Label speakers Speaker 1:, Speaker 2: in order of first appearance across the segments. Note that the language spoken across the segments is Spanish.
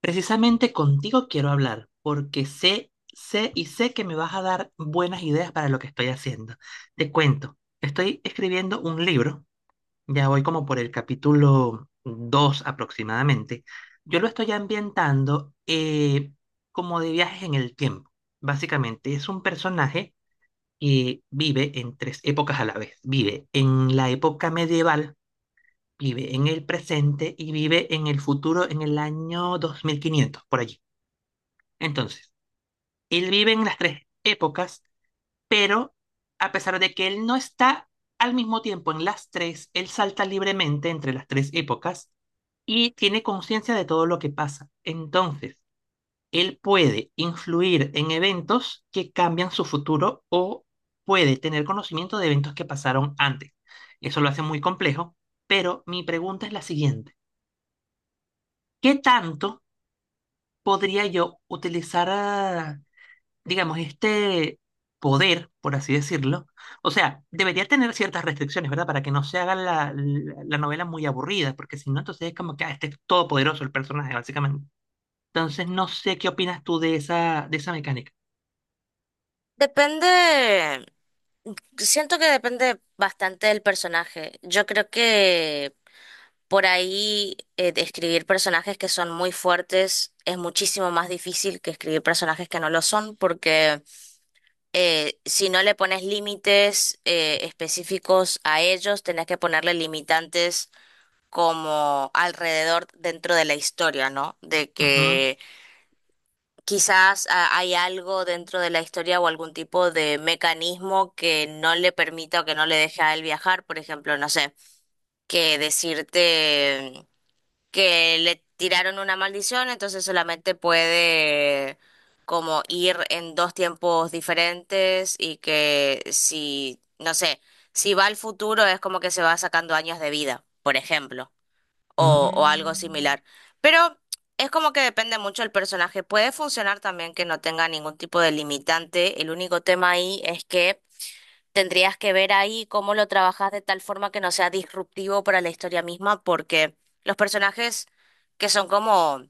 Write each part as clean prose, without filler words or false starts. Speaker 1: Precisamente contigo quiero hablar, porque sé, sé y sé que me vas a dar buenas ideas para lo que estoy haciendo. Te cuento, estoy escribiendo un libro, ya voy como por el capítulo 2 aproximadamente. Yo lo estoy ambientando como de viajes en el tiempo. Básicamente es un personaje que vive en tres épocas a la vez. Vive en la época medieval, vive en el presente y vive en el futuro en el año 2500 por allí. Entonces, él vive en las tres épocas, pero a pesar de que él no está al mismo tiempo en las tres, él salta libremente entre las tres épocas y tiene conciencia de todo lo que pasa. Entonces, él puede influir en eventos que cambian su futuro o puede tener conocimiento de eventos que pasaron antes. Eso lo hace muy complejo, pero mi pregunta es la siguiente. ¿Qué tanto podría yo utilizar digamos, este poder, por así decirlo? O sea, ¿debería tener ciertas restricciones, ¿verdad? Para que no se haga la novela muy aburrida, porque si no, entonces es como que este es todopoderoso el personaje, básicamente. Entonces, no sé qué opinas tú de esa mecánica.
Speaker 2: Depende, siento que depende bastante del personaje. Yo creo que por ahí de escribir personajes que son muy fuertes es muchísimo más difícil que escribir personajes que no lo son, porque si no le pones límites específicos a ellos, tenés que ponerle limitantes como alrededor dentro de la historia, ¿no? De
Speaker 1: Ujú.
Speaker 2: que Quizás hay algo dentro de la historia o algún tipo de mecanismo que no le permita o que no le deje a él viajar, por ejemplo, no sé, que decirte que le tiraron una maldición, entonces solamente puede como ir en dos tiempos diferentes y que si, no sé, si va al futuro es como que se va sacando años de vida, por ejemplo o algo
Speaker 1: Mm,
Speaker 2: similar. Pero es como que depende mucho del personaje. Puede funcionar también que no tenga ningún tipo de limitante. El único tema ahí es que tendrías que ver ahí cómo lo trabajas de tal forma que no sea disruptivo para la historia misma, porque los personajes que son como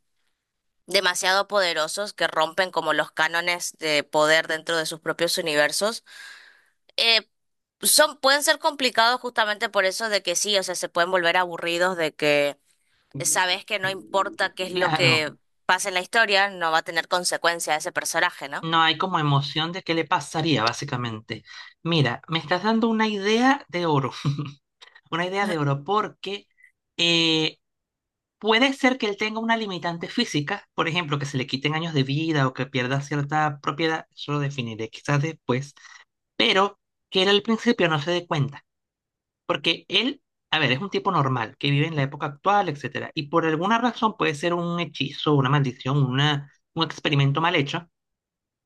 Speaker 2: demasiado poderosos, que rompen como los cánones de poder dentro de sus propios universos, eh, son, pueden ser complicados justamente por eso de que sí, o sea, se pueden volver aburridos de que sabes que no importa qué es lo
Speaker 1: claro,
Speaker 2: que pase en la historia, no va a tener consecuencia a ese personaje, ¿no?
Speaker 1: no hay como emoción de qué le pasaría, básicamente. Mira, me estás dando una idea de oro, una idea de oro, porque... eh, puede ser que él tenga una limitante física, por ejemplo, que se le quiten años de vida o que pierda cierta propiedad, eso lo definiré quizás después, pero que él al principio no se dé cuenta, porque él, a ver, es un tipo normal, que vive en la época actual, etcétera, y por alguna razón puede ser un hechizo, una maldición, un experimento mal hecho,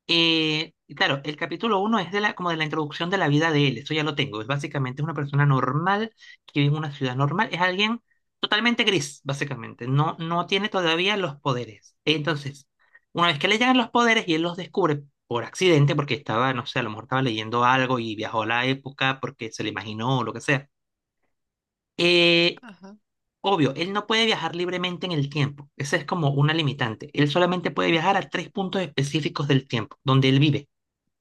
Speaker 1: y claro, el capítulo uno es como de la introducción de la vida de él, eso ya lo tengo. Es básicamente una persona normal que vive en una ciudad normal, es alguien totalmente gris, básicamente. No, no tiene todavía los poderes. Entonces, una vez que le llegan los poderes y él los descubre por accidente, porque estaba, no sé, a lo mejor estaba leyendo algo y viajó a la época porque se le imaginó o lo que sea. Eh, obvio, él no puede viajar libremente en el tiempo. Esa es como una limitante. Él solamente puede viajar a tres puntos específicos del tiempo, donde él vive,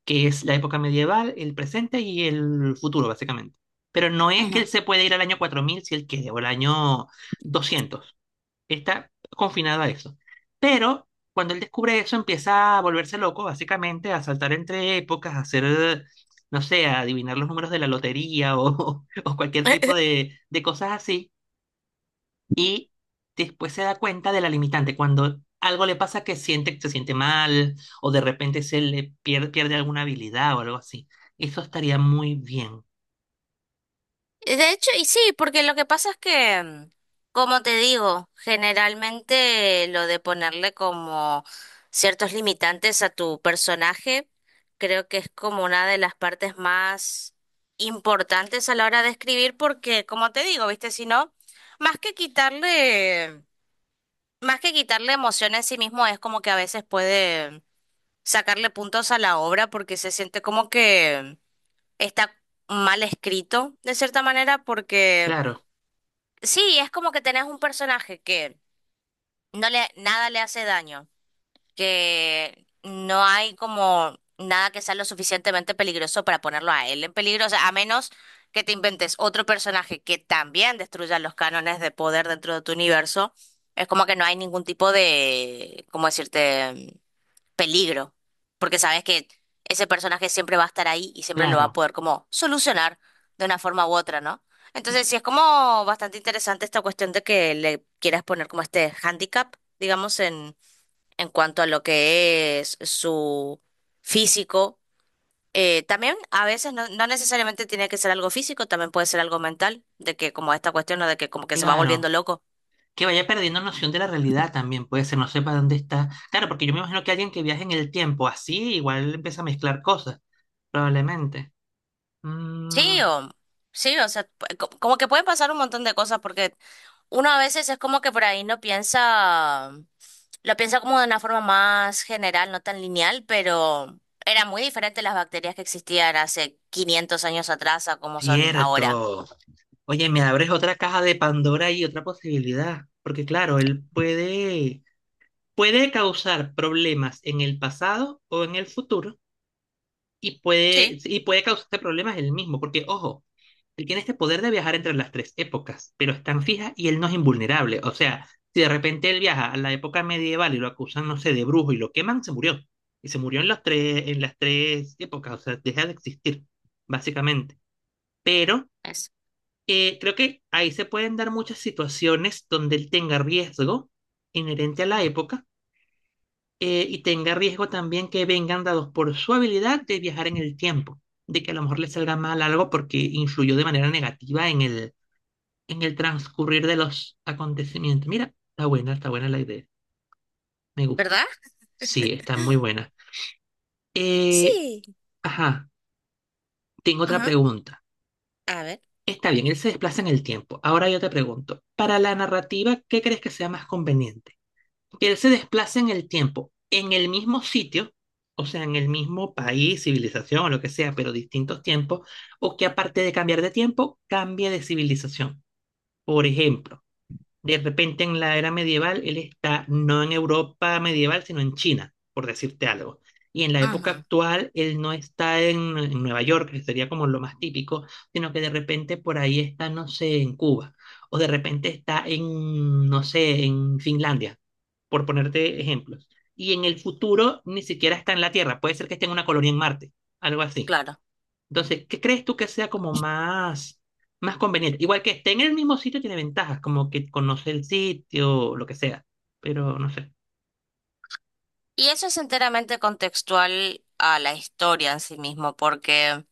Speaker 1: que es la época medieval, el presente y el futuro, básicamente. Pero no es que él
Speaker 2: Ujú.
Speaker 1: se puede ir al año 4000 si él quiere, o al año 200. Está confinado a eso. Pero cuando él descubre eso, empieza a volverse loco, básicamente, a saltar entre épocas, a hacer, no sé, a adivinar los números de la lotería o, o cualquier tipo de cosas así y después se da cuenta de la limitante. Cuando algo le pasa que siente, se siente mal o de repente se le pierde alguna habilidad o algo así. Eso estaría muy bien.
Speaker 2: De hecho, y sí, porque lo que pasa es que, como te digo, generalmente lo de ponerle como ciertos limitantes a tu personaje, creo que es como una de las partes más importantes a la hora de escribir, porque, como te digo, viste, si no, más que quitarle, más que quitarle emoción en sí mismo, es como que a veces puede sacarle puntos a la obra porque se siente como que está mal escrito de cierta manera porque
Speaker 1: Claro,
Speaker 2: sí, es como que tenés un personaje que no le nada le hace daño, que no hay como nada que sea lo suficientemente peligroso para ponerlo a él en peligro, o sea, a menos que te inventes otro personaje que también destruya los cánones de poder dentro de tu universo. Es como que no hay ningún tipo de, ¿cómo decirte? Peligro, porque sabes que ese personaje siempre va a estar ahí y siempre lo va a
Speaker 1: claro,
Speaker 2: poder como solucionar de una forma u otra, ¿no? Entonces, sí es como bastante interesante esta cuestión de que le quieras poner como este handicap, digamos, en cuanto a lo que es su físico. También a veces no, no necesariamente tiene que ser algo físico, también puede ser algo mental, de que como esta cuestión, ¿no? de que como que se va volviendo
Speaker 1: claro.
Speaker 2: loco.
Speaker 1: Que vaya perdiendo noción de la realidad también puede ser, no sepa dónde está. Claro, porque yo me imagino que alguien que viaje en el tiempo así igual empieza a mezclar cosas, probablemente. Mm,
Speaker 2: Sí, sí, o sea, como que pueden pasar un montón de cosas porque uno a veces es como que por ahí no piensa, lo piensa como de una forma más general, no tan lineal, pero era muy diferente las bacterias que existían hace 500 años atrás a como son ahora.
Speaker 1: cierto. Oye, me abres otra caja de Pandora y otra posibilidad, porque claro, él puede causar problemas en el pasado o en el futuro y puede,
Speaker 2: Sí,
Speaker 1: y puede causarte problemas él mismo, porque ojo, él tiene este poder de viajar entre las tres épocas, pero es tan fija y él no es invulnerable. O sea, si de repente él viaja a la época medieval y lo acusan, no sé, de brujo y lo queman, se murió. Y se murió en las tres épocas, o sea, deja de existir, básicamente. Pero
Speaker 2: es.
Speaker 1: creo que ahí se pueden dar muchas situaciones donde él tenga riesgo inherente a la época, y tenga riesgo también que vengan dados por su habilidad de viajar en el tiempo, de que a lo mejor le salga mal algo porque influyó de manera negativa en el transcurrir de los acontecimientos. Mira, está buena la idea, me gusta.
Speaker 2: ¿Verdad?
Speaker 1: Sí, está muy buena. Eh,
Speaker 2: Sí.
Speaker 1: ajá, tengo otra
Speaker 2: Ajá.
Speaker 1: pregunta.
Speaker 2: A ver.
Speaker 1: Está bien, él se desplaza en el tiempo. Ahora yo te pregunto, para la narrativa, ¿qué crees que sea más conveniente? ¿Que él se desplaza en el tiempo, en el mismo sitio, o sea, en el mismo país, civilización o lo que sea, pero distintos tiempos, o que aparte de cambiar de tiempo, cambie de civilización? Por ejemplo, de repente en la era medieval, él está no en Europa medieval, sino en China, por decirte algo. Y en la época
Speaker 2: Ujú,
Speaker 1: actual, él no está en Nueva York, que sería como lo más típico, sino que de repente por ahí está, no sé, en Cuba. O de repente está en, no sé, en Finlandia, por ponerte ejemplos. Y en el futuro ni siquiera está en la Tierra, puede ser que esté en una colonia en Marte, algo así.
Speaker 2: claro.
Speaker 1: Entonces, ¿qué crees tú que sea como más, más conveniente? Igual que esté en el mismo sitio tiene ventajas, como que conoce el sitio, lo que sea. Pero no sé.
Speaker 2: Y eso es enteramente contextual a la historia en sí mismo, porque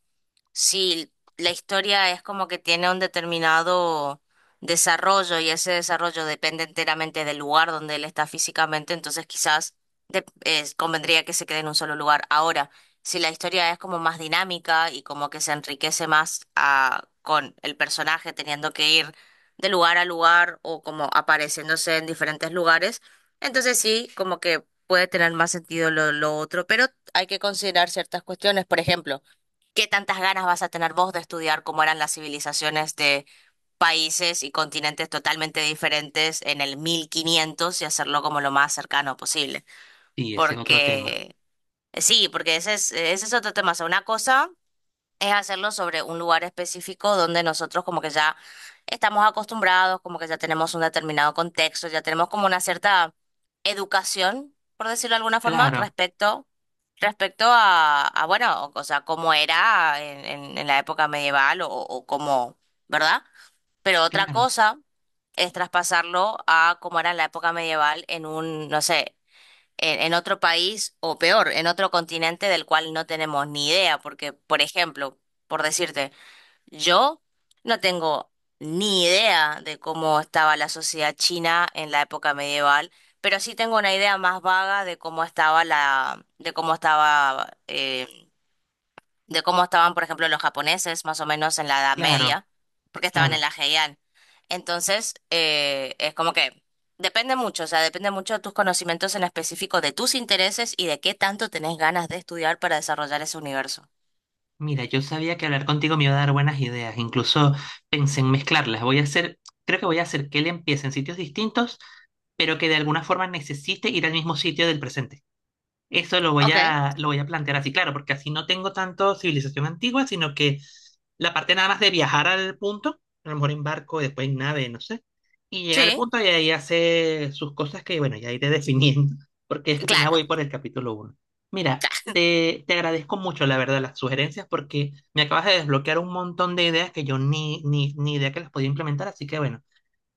Speaker 2: sí, la historia es como que tiene un determinado desarrollo y ese desarrollo depende enteramente del lugar donde él está físicamente, entonces quizás convendría que se quede en un solo lugar. Ahora, si la historia es como más dinámica y como que se enriquece más con el personaje teniendo que ir de lugar a lugar o como apareciéndose en diferentes lugares, entonces sí, como que puede tener más sentido lo otro, pero hay que considerar ciertas cuestiones, por ejemplo. ¿Qué tantas ganas vas a tener vos de estudiar cómo eran las civilizaciones de países y continentes totalmente diferentes en el 1500 y hacerlo como lo más cercano posible?
Speaker 1: Sí, ese es otro tema.
Speaker 2: Porque sí, porque ese es otro tema. O sea, una cosa es hacerlo sobre un lugar específico donde nosotros como que ya estamos acostumbrados, como que ya tenemos un determinado contexto, ya tenemos como una cierta educación, por decirlo de alguna forma,
Speaker 1: Claro,
Speaker 2: respecto, respecto a, bueno, o sea, cómo era en, en la época medieval o cómo, ¿verdad? Pero otra
Speaker 1: claro,
Speaker 2: cosa es traspasarlo a cómo era en la época medieval en un, no sé, en otro país o peor, en otro continente del cual no tenemos ni idea, porque, por ejemplo, por decirte, yo no tengo ni idea de cómo estaba la sociedad china en la época medieval, pero sí tengo una idea más vaga de cómo estaba la, de cómo estaba de cómo estaban, por ejemplo, los japoneses, más o menos en la Edad
Speaker 1: claro,
Speaker 2: Media, porque estaban
Speaker 1: claro.
Speaker 2: en la Heian. Entonces, es como que depende mucho, o sea, depende mucho de tus conocimientos en específico, de tus intereses y de qué tanto tenés ganas de estudiar para desarrollar ese universo.
Speaker 1: Mira, yo sabía que hablar contigo me iba a dar buenas ideas. Incluso pensé en mezclarlas. Voy a hacer, creo que voy a hacer que él empiece en sitios distintos, pero que de alguna forma necesite ir al mismo sitio del presente. Eso
Speaker 2: Ok.
Speaker 1: lo voy a plantear así, claro, porque así no tengo tanto civilización antigua, sino que la parte nada más de viajar al punto, a lo mejor en barco, después en nave, no sé, y llegar al
Speaker 2: Sí,
Speaker 1: punto y ahí hace sus cosas que, bueno, ya iré definiendo, porque apenas
Speaker 2: claro.
Speaker 1: voy por el capítulo uno. Mira, te agradezco mucho, la verdad, las sugerencias, porque me acabas de desbloquear un montón de ideas que yo ni idea que las podía implementar, así que, bueno,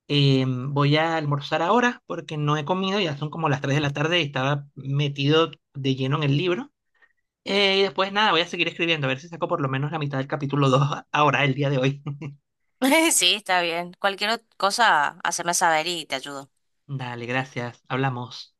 Speaker 1: voy a almorzar ahora porque no he comido, ya son como las 3 de la tarde y estaba metido de lleno en el libro. Y después nada, voy a seguir escribiendo, a ver si saco por lo menos la mitad del capítulo 2 ahora, el día de hoy.
Speaker 2: Sí, está bien. Cualquier cosa, haceme saber y te ayudo.
Speaker 1: Dale, gracias, hablamos.